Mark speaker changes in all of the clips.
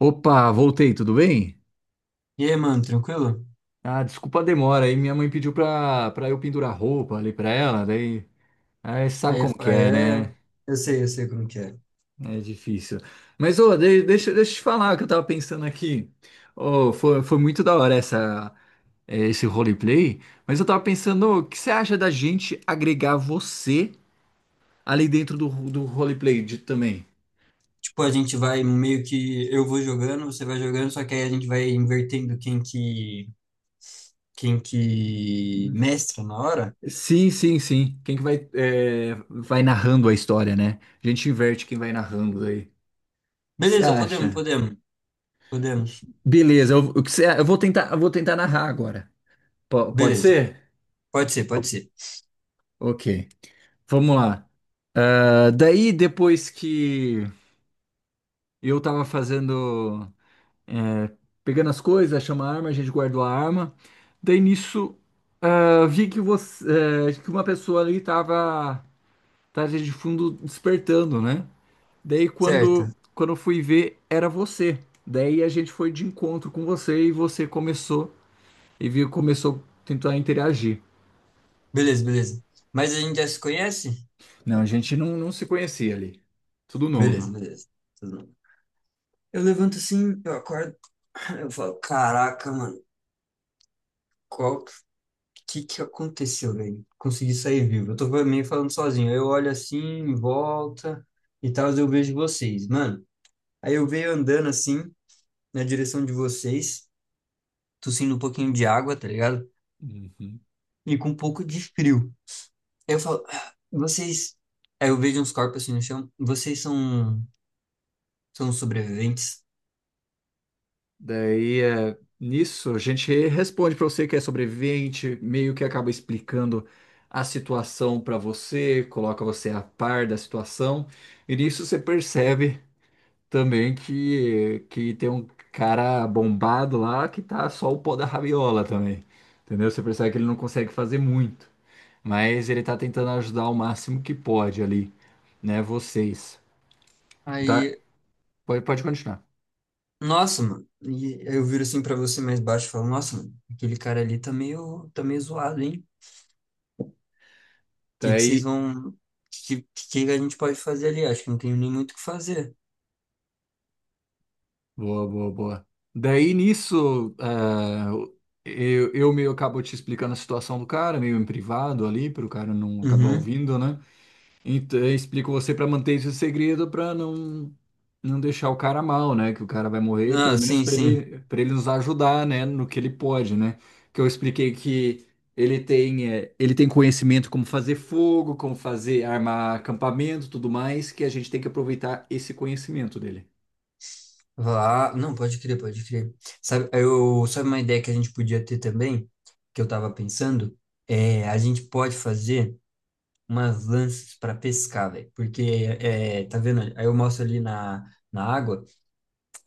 Speaker 1: Opa, voltei, tudo bem?
Speaker 2: E aí, mano, tranquilo?
Speaker 1: Ah, desculpa a demora aí, minha mãe pediu pra eu pendurar roupa ali pra ela, daí, aí você sabe
Speaker 2: Aí é,
Speaker 1: como que
Speaker 2: aí
Speaker 1: é, né?
Speaker 2: é. Eu sei como que é.
Speaker 1: É difícil. Mas, ô, deixa eu te falar o que eu tava pensando aqui. Ô, foi muito da hora essa, esse roleplay, mas eu tava pensando, o que você acha da gente agregar você ali dentro do roleplay de, também?
Speaker 2: Tipo, a gente vai meio que. Eu vou jogando, você vai jogando, só que aí a gente vai invertendo quem que. Quem que mestra na hora.
Speaker 1: Sim, sim, sim. Quem que vai, vai narrando a história, né? A gente inverte quem vai narrando aí. O que você
Speaker 2: Beleza, podemos,
Speaker 1: acha?
Speaker 2: podemos, podemos.
Speaker 1: Beleza, eu, o que você- eu vou tentar narrar agora. Pode
Speaker 2: Beleza,
Speaker 1: ser?
Speaker 2: pode ser, pode ser.
Speaker 1: Ok, vamos lá. Ah, daí, depois que eu tava fazendo, é, pegando as coisas, achamos a arma, a gente guardou a arma. Daí nisso, ah, vi que você, que uma pessoa ali tava de fundo despertando, né? Daí
Speaker 2: Certo,
Speaker 1: quando eu fui ver, era você. Daí a gente foi de encontro com você e você começou e viu, começou a tentar interagir.
Speaker 2: beleza, beleza. Mas a gente já se conhece?
Speaker 1: Não, a gente não se conhecia ali. Tudo
Speaker 2: Beleza,
Speaker 1: novo.
Speaker 2: beleza. Tudo bem. Eu levanto assim, eu acordo, eu falo, caraca, mano, qual. Que aconteceu, velho? Consegui sair vivo. Eu tô meio falando sozinho. Eu olho assim, em volta e tal, eu vejo vocês. Mano, aí eu veio andando assim, na direção de vocês, tossindo um pouquinho de água, tá ligado?
Speaker 1: Uhum.
Speaker 2: E com um pouco de frio. Aí eu falo, "Ah, vocês. Aí eu vejo uns corpos assim no chão. Vocês são sobreviventes?
Speaker 1: Daí, é, nisso, a gente responde para você que é sobrevivente, meio que acaba explicando a situação para você, coloca você a par da situação, e nisso você percebe também que tem um cara bombado lá que tá só o pó da rabiola também, entendeu? Você percebe que ele não consegue fazer muito, mas ele tá tentando ajudar o máximo que pode ali, né, vocês. Tá?
Speaker 2: Aí,
Speaker 1: Pode, pode continuar.
Speaker 2: nossa, mano. E aí eu viro assim pra você mais baixo e falo, nossa, mano, aquele cara ali tá meio zoado, hein? Que
Speaker 1: Daí,
Speaker 2: vocês vão. Que a gente pode fazer ali? Acho que não tem nem muito o que fazer.
Speaker 1: boa, boa, boa. Daí nisso, ah, eu meio acabo te explicando a situação do cara, meio em privado ali, para o cara não acabar
Speaker 2: Uhum.
Speaker 1: ouvindo, né? Então, eu explico você para manter esse segredo, para não deixar o cara mal, né? Que o cara vai morrer,
Speaker 2: Não,
Speaker 1: pelo menos
Speaker 2: sim, sim.
Speaker 1: para ele nos ajudar, né? No que ele pode, né? Que eu expliquei que ele tem, ele tem conhecimento como fazer fogo, como fazer armar acampamento, tudo mais, que a gente tem que aproveitar esse conhecimento dele.
Speaker 2: Lá. Não, pode crer, pode crer. Sabe uma ideia que a gente podia ter também, que eu tava pensando? É, a gente pode fazer umas lanças para pescar, velho. Porque, é, tá vendo? Aí eu mostro ali na água,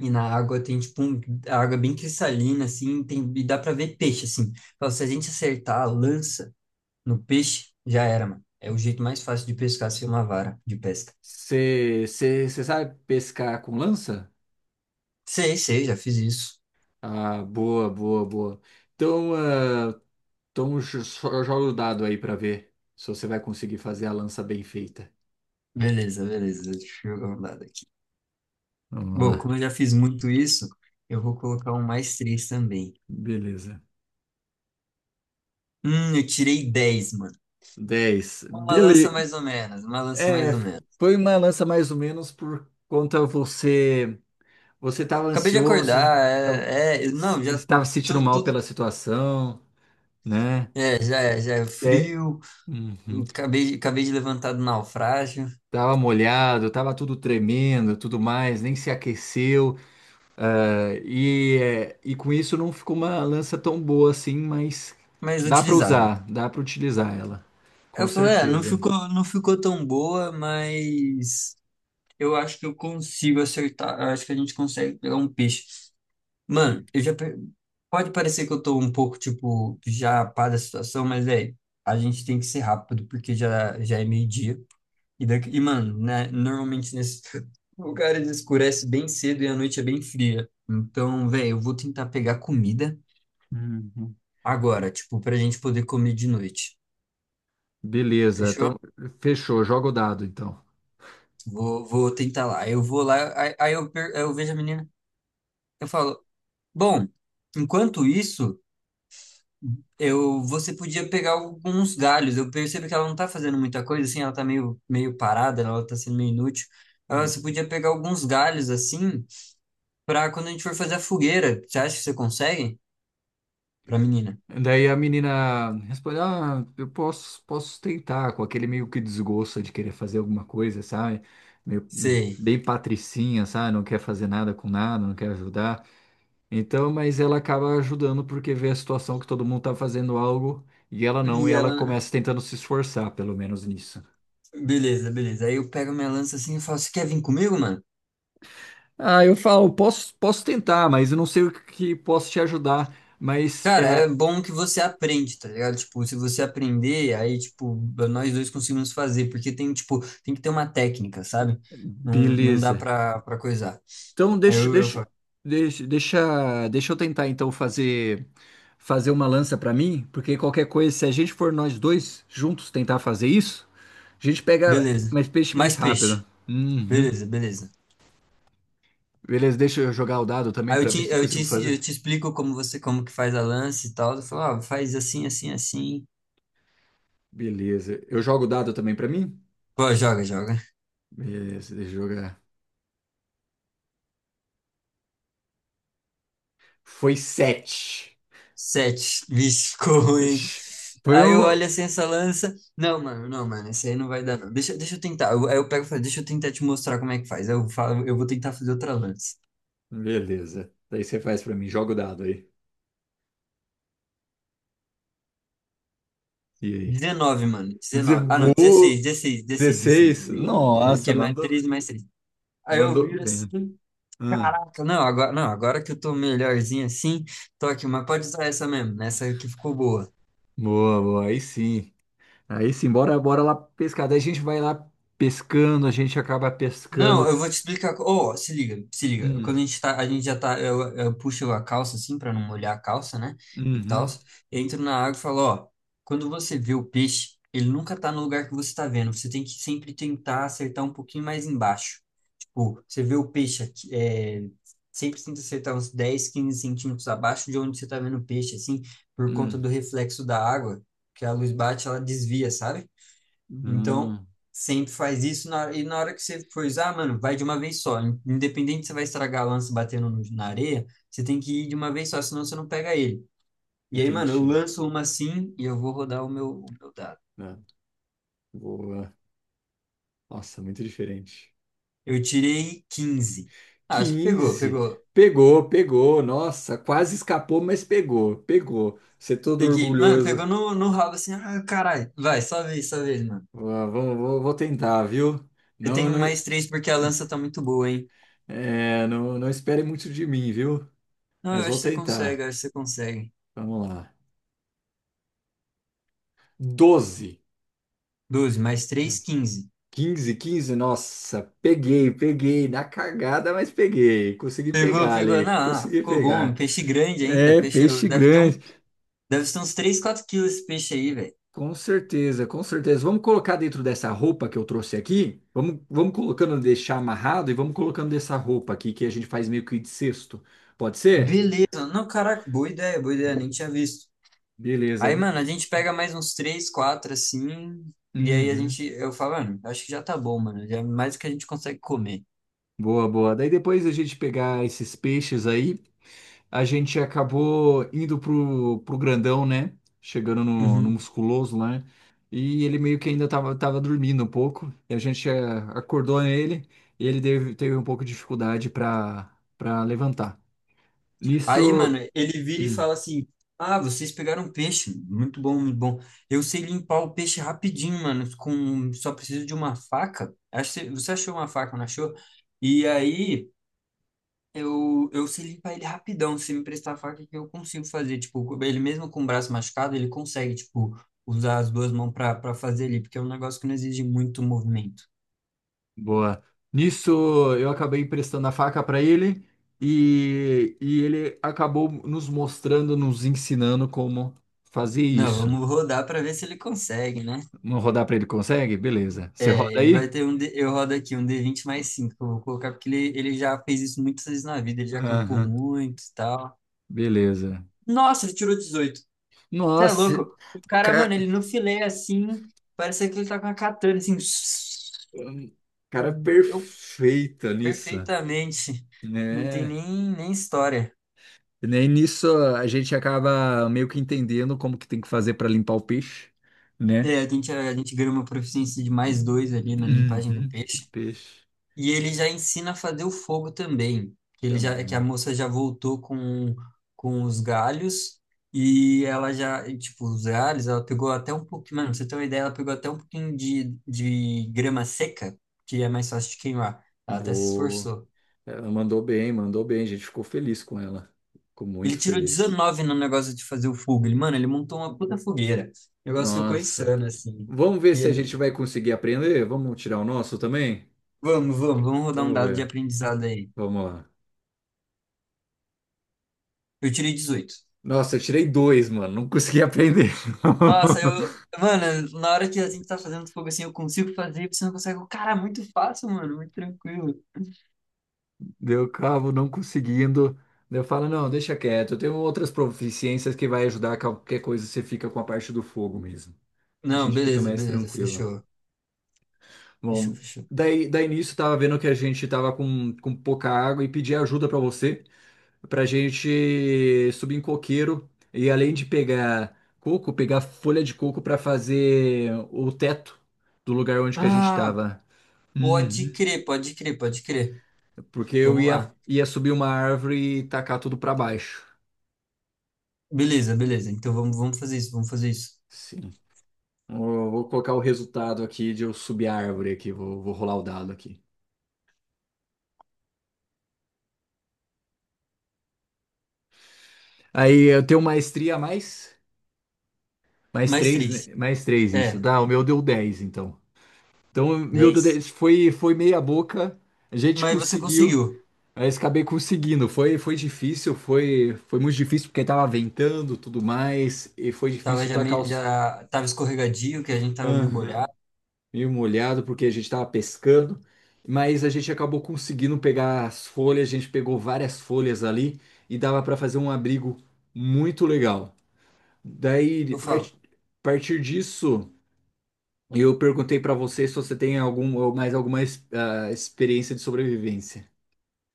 Speaker 2: e na água tem tipo a água bem cristalina, assim, tem, e dá pra ver peixe, assim. Então, se a gente acertar a lança. No peixe, já era, mano. É o jeito mais fácil de pescar sem uma vara de pesca.
Speaker 1: Você sabe pescar com lança?
Speaker 2: Sei, sei, já fiz isso.
Speaker 1: Ah, boa, boa, boa. Então, ah, então joga o dado aí pra ver se você vai conseguir fazer a lança bem feita.
Speaker 2: Beleza, beleza. Deixa eu jogar um dado aqui.
Speaker 1: Vamos
Speaker 2: Bom,
Speaker 1: lá.
Speaker 2: como eu já fiz muito isso, eu vou colocar um mais três também.
Speaker 1: Beleza.
Speaker 2: Eu tirei 10, mano.
Speaker 1: 10.
Speaker 2: Uma
Speaker 1: Beleza.
Speaker 2: lança mais ou menos, uma lança
Speaker 1: É,
Speaker 2: mais ou menos.
Speaker 1: foi uma lança mais ou menos por conta você estava
Speaker 2: Acabei de
Speaker 1: ansioso,
Speaker 2: acordar, não, já
Speaker 1: estava se sentindo
Speaker 2: tô,
Speaker 1: mal
Speaker 2: tô-
Speaker 1: pela situação, né?
Speaker 2: é, já é, já é
Speaker 1: É,
Speaker 2: frio,
Speaker 1: uhum.
Speaker 2: acabei de levantar do naufrágio,
Speaker 1: Tava molhado, tava tudo tremendo, tudo mais, nem se aqueceu, ah, e, é, e com isso não ficou uma lança tão boa assim, mas
Speaker 2: mas
Speaker 1: dá para
Speaker 2: utilizável.
Speaker 1: usar, dá para utilizar ela, com
Speaker 2: Eu falei, não
Speaker 1: certeza.
Speaker 2: ficou tão boa, mas eu acho que eu consigo acertar. Eu acho que a gente consegue pegar um peixe. Mano, Pode parecer que eu tô um pouco, tipo, já pá da situação, mas é. A gente tem que ser rápido, porque já é meio-dia. E, mano, né? Normalmente nesses lugares escurece bem cedo e a noite é bem fria. Então, velho, eu vou tentar pegar comida
Speaker 1: Uhum.
Speaker 2: agora, tipo, pra gente poder comer de noite.
Speaker 1: Beleza,
Speaker 2: Fechou?
Speaker 1: então fechou, joga o dado então.
Speaker 2: Vou tentar lá. Eu vou lá, aí eu vejo a menina. Eu falo, bom, enquanto isso. Você podia pegar alguns galhos. Eu percebo que ela não tá fazendo muita coisa, assim, ela tá meio parada, né? Ela tá sendo meio inútil. Ah,
Speaker 1: Hum.
Speaker 2: você podia pegar alguns galhos, assim, pra quando a gente for fazer a fogueira. Você acha que você consegue? Pra menina.
Speaker 1: Daí a menina responde: ah, eu posso, posso tentar, com aquele meio que desgosto de querer fazer alguma coisa, sabe? Meio,
Speaker 2: Sei.
Speaker 1: bem patricinha, sabe? Não quer fazer nada com nada, não quer ajudar. Então, mas ela acaba ajudando porque vê a situação que todo mundo tá fazendo algo e ela não, e
Speaker 2: E
Speaker 1: ela
Speaker 2: ela.
Speaker 1: começa tentando se esforçar, pelo menos nisso.
Speaker 2: Beleza, beleza. Aí eu pego minha lança assim e falo: Você quer vir comigo, mano?
Speaker 1: Ah, eu falo, posso, posso tentar, mas eu não sei o que posso te ajudar, mas
Speaker 2: Cara, é
Speaker 1: é,
Speaker 2: bom que você aprende, tá ligado? Tipo, se você aprender, aí, tipo, nós dois conseguimos fazer, porque tipo, tem que ter uma técnica, sabe? Não, não dá
Speaker 1: beleza.
Speaker 2: pra coisar.
Speaker 1: Então,
Speaker 2: Aí
Speaker 1: deixa,
Speaker 2: eu
Speaker 1: deixa,
Speaker 2: falo,
Speaker 1: deixa, deixa, deixa eu tentar então fazer uma lança pra mim, porque qualquer coisa, se a gente for nós dois juntos tentar fazer isso, a gente pega
Speaker 2: beleza.
Speaker 1: mais peixe mais
Speaker 2: Mais peixe.
Speaker 1: rápido. Uhum.
Speaker 2: Beleza, beleza.
Speaker 1: Beleza, deixa eu jogar o dado também
Speaker 2: Aí eu
Speaker 1: pra ver
Speaker 2: te,
Speaker 1: se eu
Speaker 2: eu te,
Speaker 1: consigo
Speaker 2: ensi-
Speaker 1: fazer.
Speaker 2: eu te explico como que faz a lance e tal. Eu falo, ah, faz assim, assim, assim.
Speaker 1: Beleza. Eu jogo o dado também pra mim?
Speaker 2: Pô, joga, joga.
Speaker 1: Beleza, deixa eu jogar. Foi sete.
Speaker 2: Sete. Vixe, ficou ruim.
Speaker 1: Ixi, foi
Speaker 2: Aí eu
Speaker 1: um.
Speaker 2: olho assim essa lança. Não, mano, não, mano, esse aí não vai dar, não. Deixa eu tentar. Aí eu pego e falo, deixa eu tentar te mostrar como é que faz. Aí eu falo, eu vou tentar fazer outra lança.
Speaker 1: Beleza. Daí você faz pra mim, joga o dado aí. E aí?
Speaker 2: 19, mano.
Speaker 1: Vou dizer,
Speaker 2: 19. Ah, não, 16
Speaker 1: vou.
Speaker 2: 16 16 16
Speaker 1: 16.
Speaker 2: 16. É porque
Speaker 1: Nossa,
Speaker 2: é mais
Speaker 1: mandou,
Speaker 2: 3 mais 3. Aí eu
Speaker 1: mandou
Speaker 2: viro
Speaker 1: bem.
Speaker 2: assim.
Speaker 1: Hum,
Speaker 2: Caraca, não, agora, não, agora que eu tô melhorzinho assim, tô aqui, mas pode usar essa mesmo, né, essa que ficou boa.
Speaker 1: boa, boa. Aí sim. Aí sim, bora, bora lá pescar. Daí a gente vai lá pescando, a gente acaba
Speaker 2: Não,
Speaker 1: pescando.
Speaker 2: eu vou te explicar. Oh, se liga, se liga.
Speaker 1: Hum,
Speaker 2: Quando a gente tá, a gente já tá, Eu puxo a calça assim pra não molhar a calça, né? E tal.
Speaker 1: uhum,
Speaker 2: Entro na água e falo, ó, quando você vê o peixe, ele nunca tá no lugar que você tá vendo. Você tem que sempre tentar acertar um pouquinho mais embaixo. Tipo, você vê o peixe aqui, sempre tenta acertar uns 10 15 centímetros abaixo de onde você tá vendo o peixe, assim, por conta
Speaker 1: hum,
Speaker 2: do reflexo da água, que a luz bate, ela desvia, sabe? Então,
Speaker 1: hum.
Speaker 2: sempre faz isso, e na hora que você for usar, mano, vai de uma vez só. Independente se você vai estragar a lança batendo na areia, você tem que ir de uma vez só, senão você não pega ele. E aí, mano, eu
Speaker 1: Entendi.
Speaker 2: lanço uma assim e eu vou rodar o meu dado.
Speaker 1: Tá. Boa. Nossa, muito diferente.
Speaker 2: Eu tirei 15. Ah, acho que pegou,
Speaker 1: 15.
Speaker 2: pegou.
Speaker 1: Pegou, pegou. Nossa, quase escapou, mas pegou, pegou. Você é todo
Speaker 2: Peguei. Mano,
Speaker 1: orgulhoso.
Speaker 2: pegou no rabo assim. Ah, caralho. Vai, só vez, mano.
Speaker 1: Vou tentar, viu?
Speaker 2: Eu
Speaker 1: Não,
Speaker 2: tenho
Speaker 1: não,
Speaker 2: um mais três porque a lança tá muito boa, hein?
Speaker 1: é, não, não espere muito de mim, viu?
Speaker 2: Não, eu
Speaker 1: Mas vou
Speaker 2: acho que você consegue, eu
Speaker 1: tentar.
Speaker 2: acho que você consegue.
Speaker 1: Vamos lá. 12.
Speaker 2: 12 mais três, 15.
Speaker 1: 15. 15, nossa, peguei, peguei, na cagada, mas peguei, consegui
Speaker 2: Pegou,
Speaker 1: pegar
Speaker 2: pegou.
Speaker 1: ali,
Speaker 2: Não, ah,
Speaker 1: consegui
Speaker 2: ficou bom. Um
Speaker 1: pegar.
Speaker 2: peixe grande ainda.
Speaker 1: É,
Speaker 2: Peixe
Speaker 1: peixe
Speaker 2: deve ter um.
Speaker 1: grande.
Speaker 2: Deve ser uns 3 4 quilos esse peixe aí, velho.
Speaker 1: Com certeza, com certeza. Vamos colocar dentro dessa roupa que eu trouxe aqui. Vamos, vamos colocando, deixar amarrado e vamos colocando dessa roupa aqui que a gente faz meio que de cesto. Pode ser?
Speaker 2: Beleza. Não, caraca, boa ideia, boa ideia. Nem tinha visto.
Speaker 1: Beleza.
Speaker 2: Aí,
Speaker 1: D-
Speaker 2: mano, a gente pega mais uns 3 4 assim. E aí a
Speaker 1: Uhum.
Speaker 2: gente. Eu falo, mano, acho que já tá bom, mano. Já é mais do que a gente consegue comer.
Speaker 1: Boa, boa. Daí depois a gente pegar esses peixes aí, a gente acabou indo pro grandão, né? Chegando no
Speaker 2: Uhum.
Speaker 1: musculoso lá, né? E ele meio que ainda tava dormindo um pouco. E a gente acordou ele e ele teve um pouco de dificuldade para levantar.
Speaker 2: Aí, mano,
Speaker 1: Nisso,
Speaker 2: ele vira e
Speaker 1: hum,
Speaker 2: fala assim: Ah, vocês pegaram peixe. Muito bom, muito bom. Eu sei limpar o peixe rapidinho, mano. Só preciso de uma faca. Acho que você achou uma faca, não achou? E aí, eu sei limpar ele rapidão. Se me prestar a faca, que eu consigo fazer. Tipo, ele mesmo com o braço machucado, ele consegue, tipo, usar as duas mãos pra fazer ali, porque é um negócio que não exige muito movimento.
Speaker 1: boa. Nisso eu acabei emprestando a faca para ele e ele acabou nos mostrando, nos ensinando como fazer
Speaker 2: Não,
Speaker 1: isso.
Speaker 2: vamos rodar pra ver se ele consegue, né?
Speaker 1: Vamos rodar para ele, consegue? Beleza. Você roda
Speaker 2: Ele vai
Speaker 1: aí?
Speaker 2: ter um. Eu rodo aqui um d vinte mais 5 que eu vou colocar porque ele já fez isso muitas vezes na vida. Ele já acampou
Speaker 1: Aham.
Speaker 2: muito e tal.
Speaker 1: Beleza.
Speaker 2: Nossa, ele tirou 18. Você é
Speaker 1: Nossa,
Speaker 2: louco? O cara, mano,
Speaker 1: ca-
Speaker 2: ele no filé assim. Parece que ele tá com a katana assim.
Speaker 1: cara,
Speaker 2: Eu
Speaker 1: perfeita nisso,
Speaker 2: perfeitamente. Não tem
Speaker 1: né?
Speaker 2: nem história.
Speaker 1: E nem nisso a gente acaba meio que entendendo como que tem que fazer para limpar o peixe, né?
Speaker 2: É, a gente ganha uma proficiência de mais dois ali na limpagem do
Speaker 1: Uhum.
Speaker 2: peixe.
Speaker 1: Peixe.
Speaker 2: E ele já ensina a fazer o fogo também. Que a
Speaker 1: Também.
Speaker 2: moça já voltou com, os galhos tipo, os galhos, ela pegou até um pouquinho, mano, pra você ter uma ideia, ela pegou até um pouquinho de grama seca, que é mais fácil de queimar. Ela até se
Speaker 1: Boa.
Speaker 2: esforçou.
Speaker 1: Ela mandou bem, mandou bem. A gente ficou feliz com ela. Ficou
Speaker 2: Ele
Speaker 1: muito
Speaker 2: tirou
Speaker 1: feliz.
Speaker 2: 19 no negócio de fazer o fogo. Mano, ele montou uma puta fogueira. O negócio ficou
Speaker 1: Nossa.
Speaker 2: insano, assim.
Speaker 1: Vamos ver
Speaker 2: E
Speaker 1: se a gente
Speaker 2: ele,
Speaker 1: vai conseguir aprender. Vamos tirar o nosso também?
Speaker 2: Vamos, vamos, vamos rodar um
Speaker 1: Vamos
Speaker 2: dado de
Speaker 1: ver.
Speaker 2: aprendizado aí.
Speaker 1: Vamos lá.
Speaker 2: Eu tirei 18.
Speaker 1: Nossa, eu tirei dois, mano. Não consegui aprender.
Speaker 2: Nossa, eu. Mano, na hora que a gente tá fazendo fogo assim, eu consigo fazer, você não consegue. Cara, muito fácil, mano, muito tranquilo.
Speaker 1: Deu cabo, não conseguindo. Daí eu falo, não, deixa quieto. Eu tenho outras proficiências que vai ajudar qualquer coisa. Você fica com a parte do fogo mesmo. A
Speaker 2: Não,
Speaker 1: gente fica
Speaker 2: beleza,
Speaker 1: mais
Speaker 2: beleza,
Speaker 1: tranquilo.
Speaker 2: fechou. Fechou,
Speaker 1: Bom,
Speaker 2: fechou.
Speaker 1: daí nisso tava vendo que a gente tava com pouca água e pedi ajuda pra você, pra gente subir em coqueiro e além de pegar coco, pegar folha de coco pra fazer o teto do lugar onde que a gente
Speaker 2: Ah,
Speaker 1: tava.
Speaker 2: pode
Speaker 1: Uhum.
Speaker 2: crer, pode crer, pode crer.
Speaker 1: Porque eu
Speaker 2: Vamos
Speaker 1: ia,
Speaker 2: lá.
Speaker 1: ia subir uma árvore e tacar tudo pra baixo.
Speaker 2: Beleza, beleza. Então vamos fazer isso, vamos fazer isso.
Speaker 1: Sim. Vou colocar o resultado aqui de eu subir a árvore aqui, vou rolar o dado aqui. Aí eu tenho maestria a mais? Mais
Speaker 2: Mais
Speaker 1: três, né?
Speaker 2: três.
Speaker 1: Mais três, isso.
Speaker 2: É,
Speaker 1: Dá, o meu deu 10 então. Então, o meu deu
Speaker 2: 10.
Speaker 1: 10. Foi, foi meia boca. A gente
Speaker 2: Mas você
Speaker 1: conseguiu,
Speaker 2: conseguiu.
Speaker 1: mas acabei conseguindo. Foi difícil, foi muito difícil porque tava ventando, tudo mais. E foi difícil tacar os...
Speaker 2: Já tava escorregadio, que a gente tava meio
Speaker 1: Aham.
Speaker 2: molhado.
Speaker 1: Meio molhado porque a gente tava pescando. Mas a gente acabou conseguindo pegar as folhas. A gente pegou várias folhas ali e dava para fazer um abrigo muito legal.
Speaker 2: Eu
Speaker 1: Daí,
Speaker 2: falo.
Speaker 1: a partir disso... Eu perguntei para você se você tem algum, ou mais alguma ah, experiência de sobrevivência.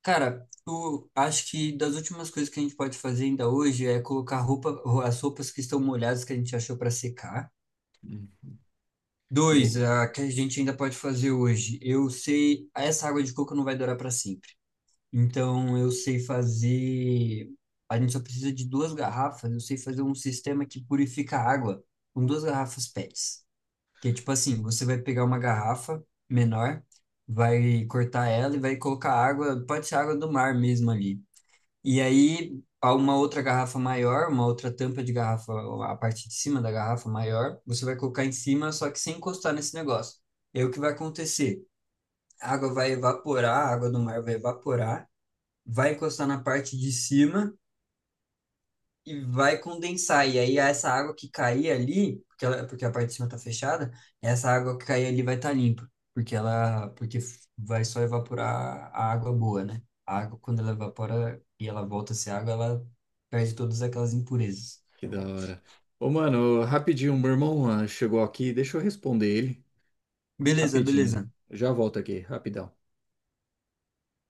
Speaker 2: Cara, eu acho que das últimas coisas que a gente pode fazer ainda hoje é colocar as roupas que estão molhadas que a gente achou para secar.
Speaker 1: Hum,
Speaker 2: Dois,
Speaker 1: Bom,
Speaker 2: a que a gente ainda pode fazer hoje. Eu sei, essa água de coco não vai durar para sempre. Então eu sei fazer. A gente só precisa de duas garrafas. Eu sei fazer um sistema que purifica a água com duas garrafas PETs. Que é tipo assim, você vai pegar uma garrafa menor, vai cortar ela e vai colocar água, pode ser água do mar mesmo ali. E aí, há uma outra garrafa maior, uma outra tampa de garrafa, a parte de cima da garrafa maior, você vai colocar em cima, só que sem encostar nesse negócio. E aí, o que vai acontecer? A água vai evaporar, a água do mar vai evaporar, vai encostar na parte de cima e vai condensar. E aí essa água que cair ali, porque a parte de cima tá fechada, essa água que cair ali vai estar limpa, porque vai só evaporar a água boa, né? A água, quando ela evapora e ela volta a ser água, ela perde todas aquelas impurezas.
Speaker 1: que da hora. Ô, mano, rapidinho, meu irmão ah, chegou aqui, deixa eu responder ele.
Speaker 2: Beleza,
Speaker 1: Rapidinho.
Speaker 2: beleza.
Speaker 1: Já volto aqui, rapidão.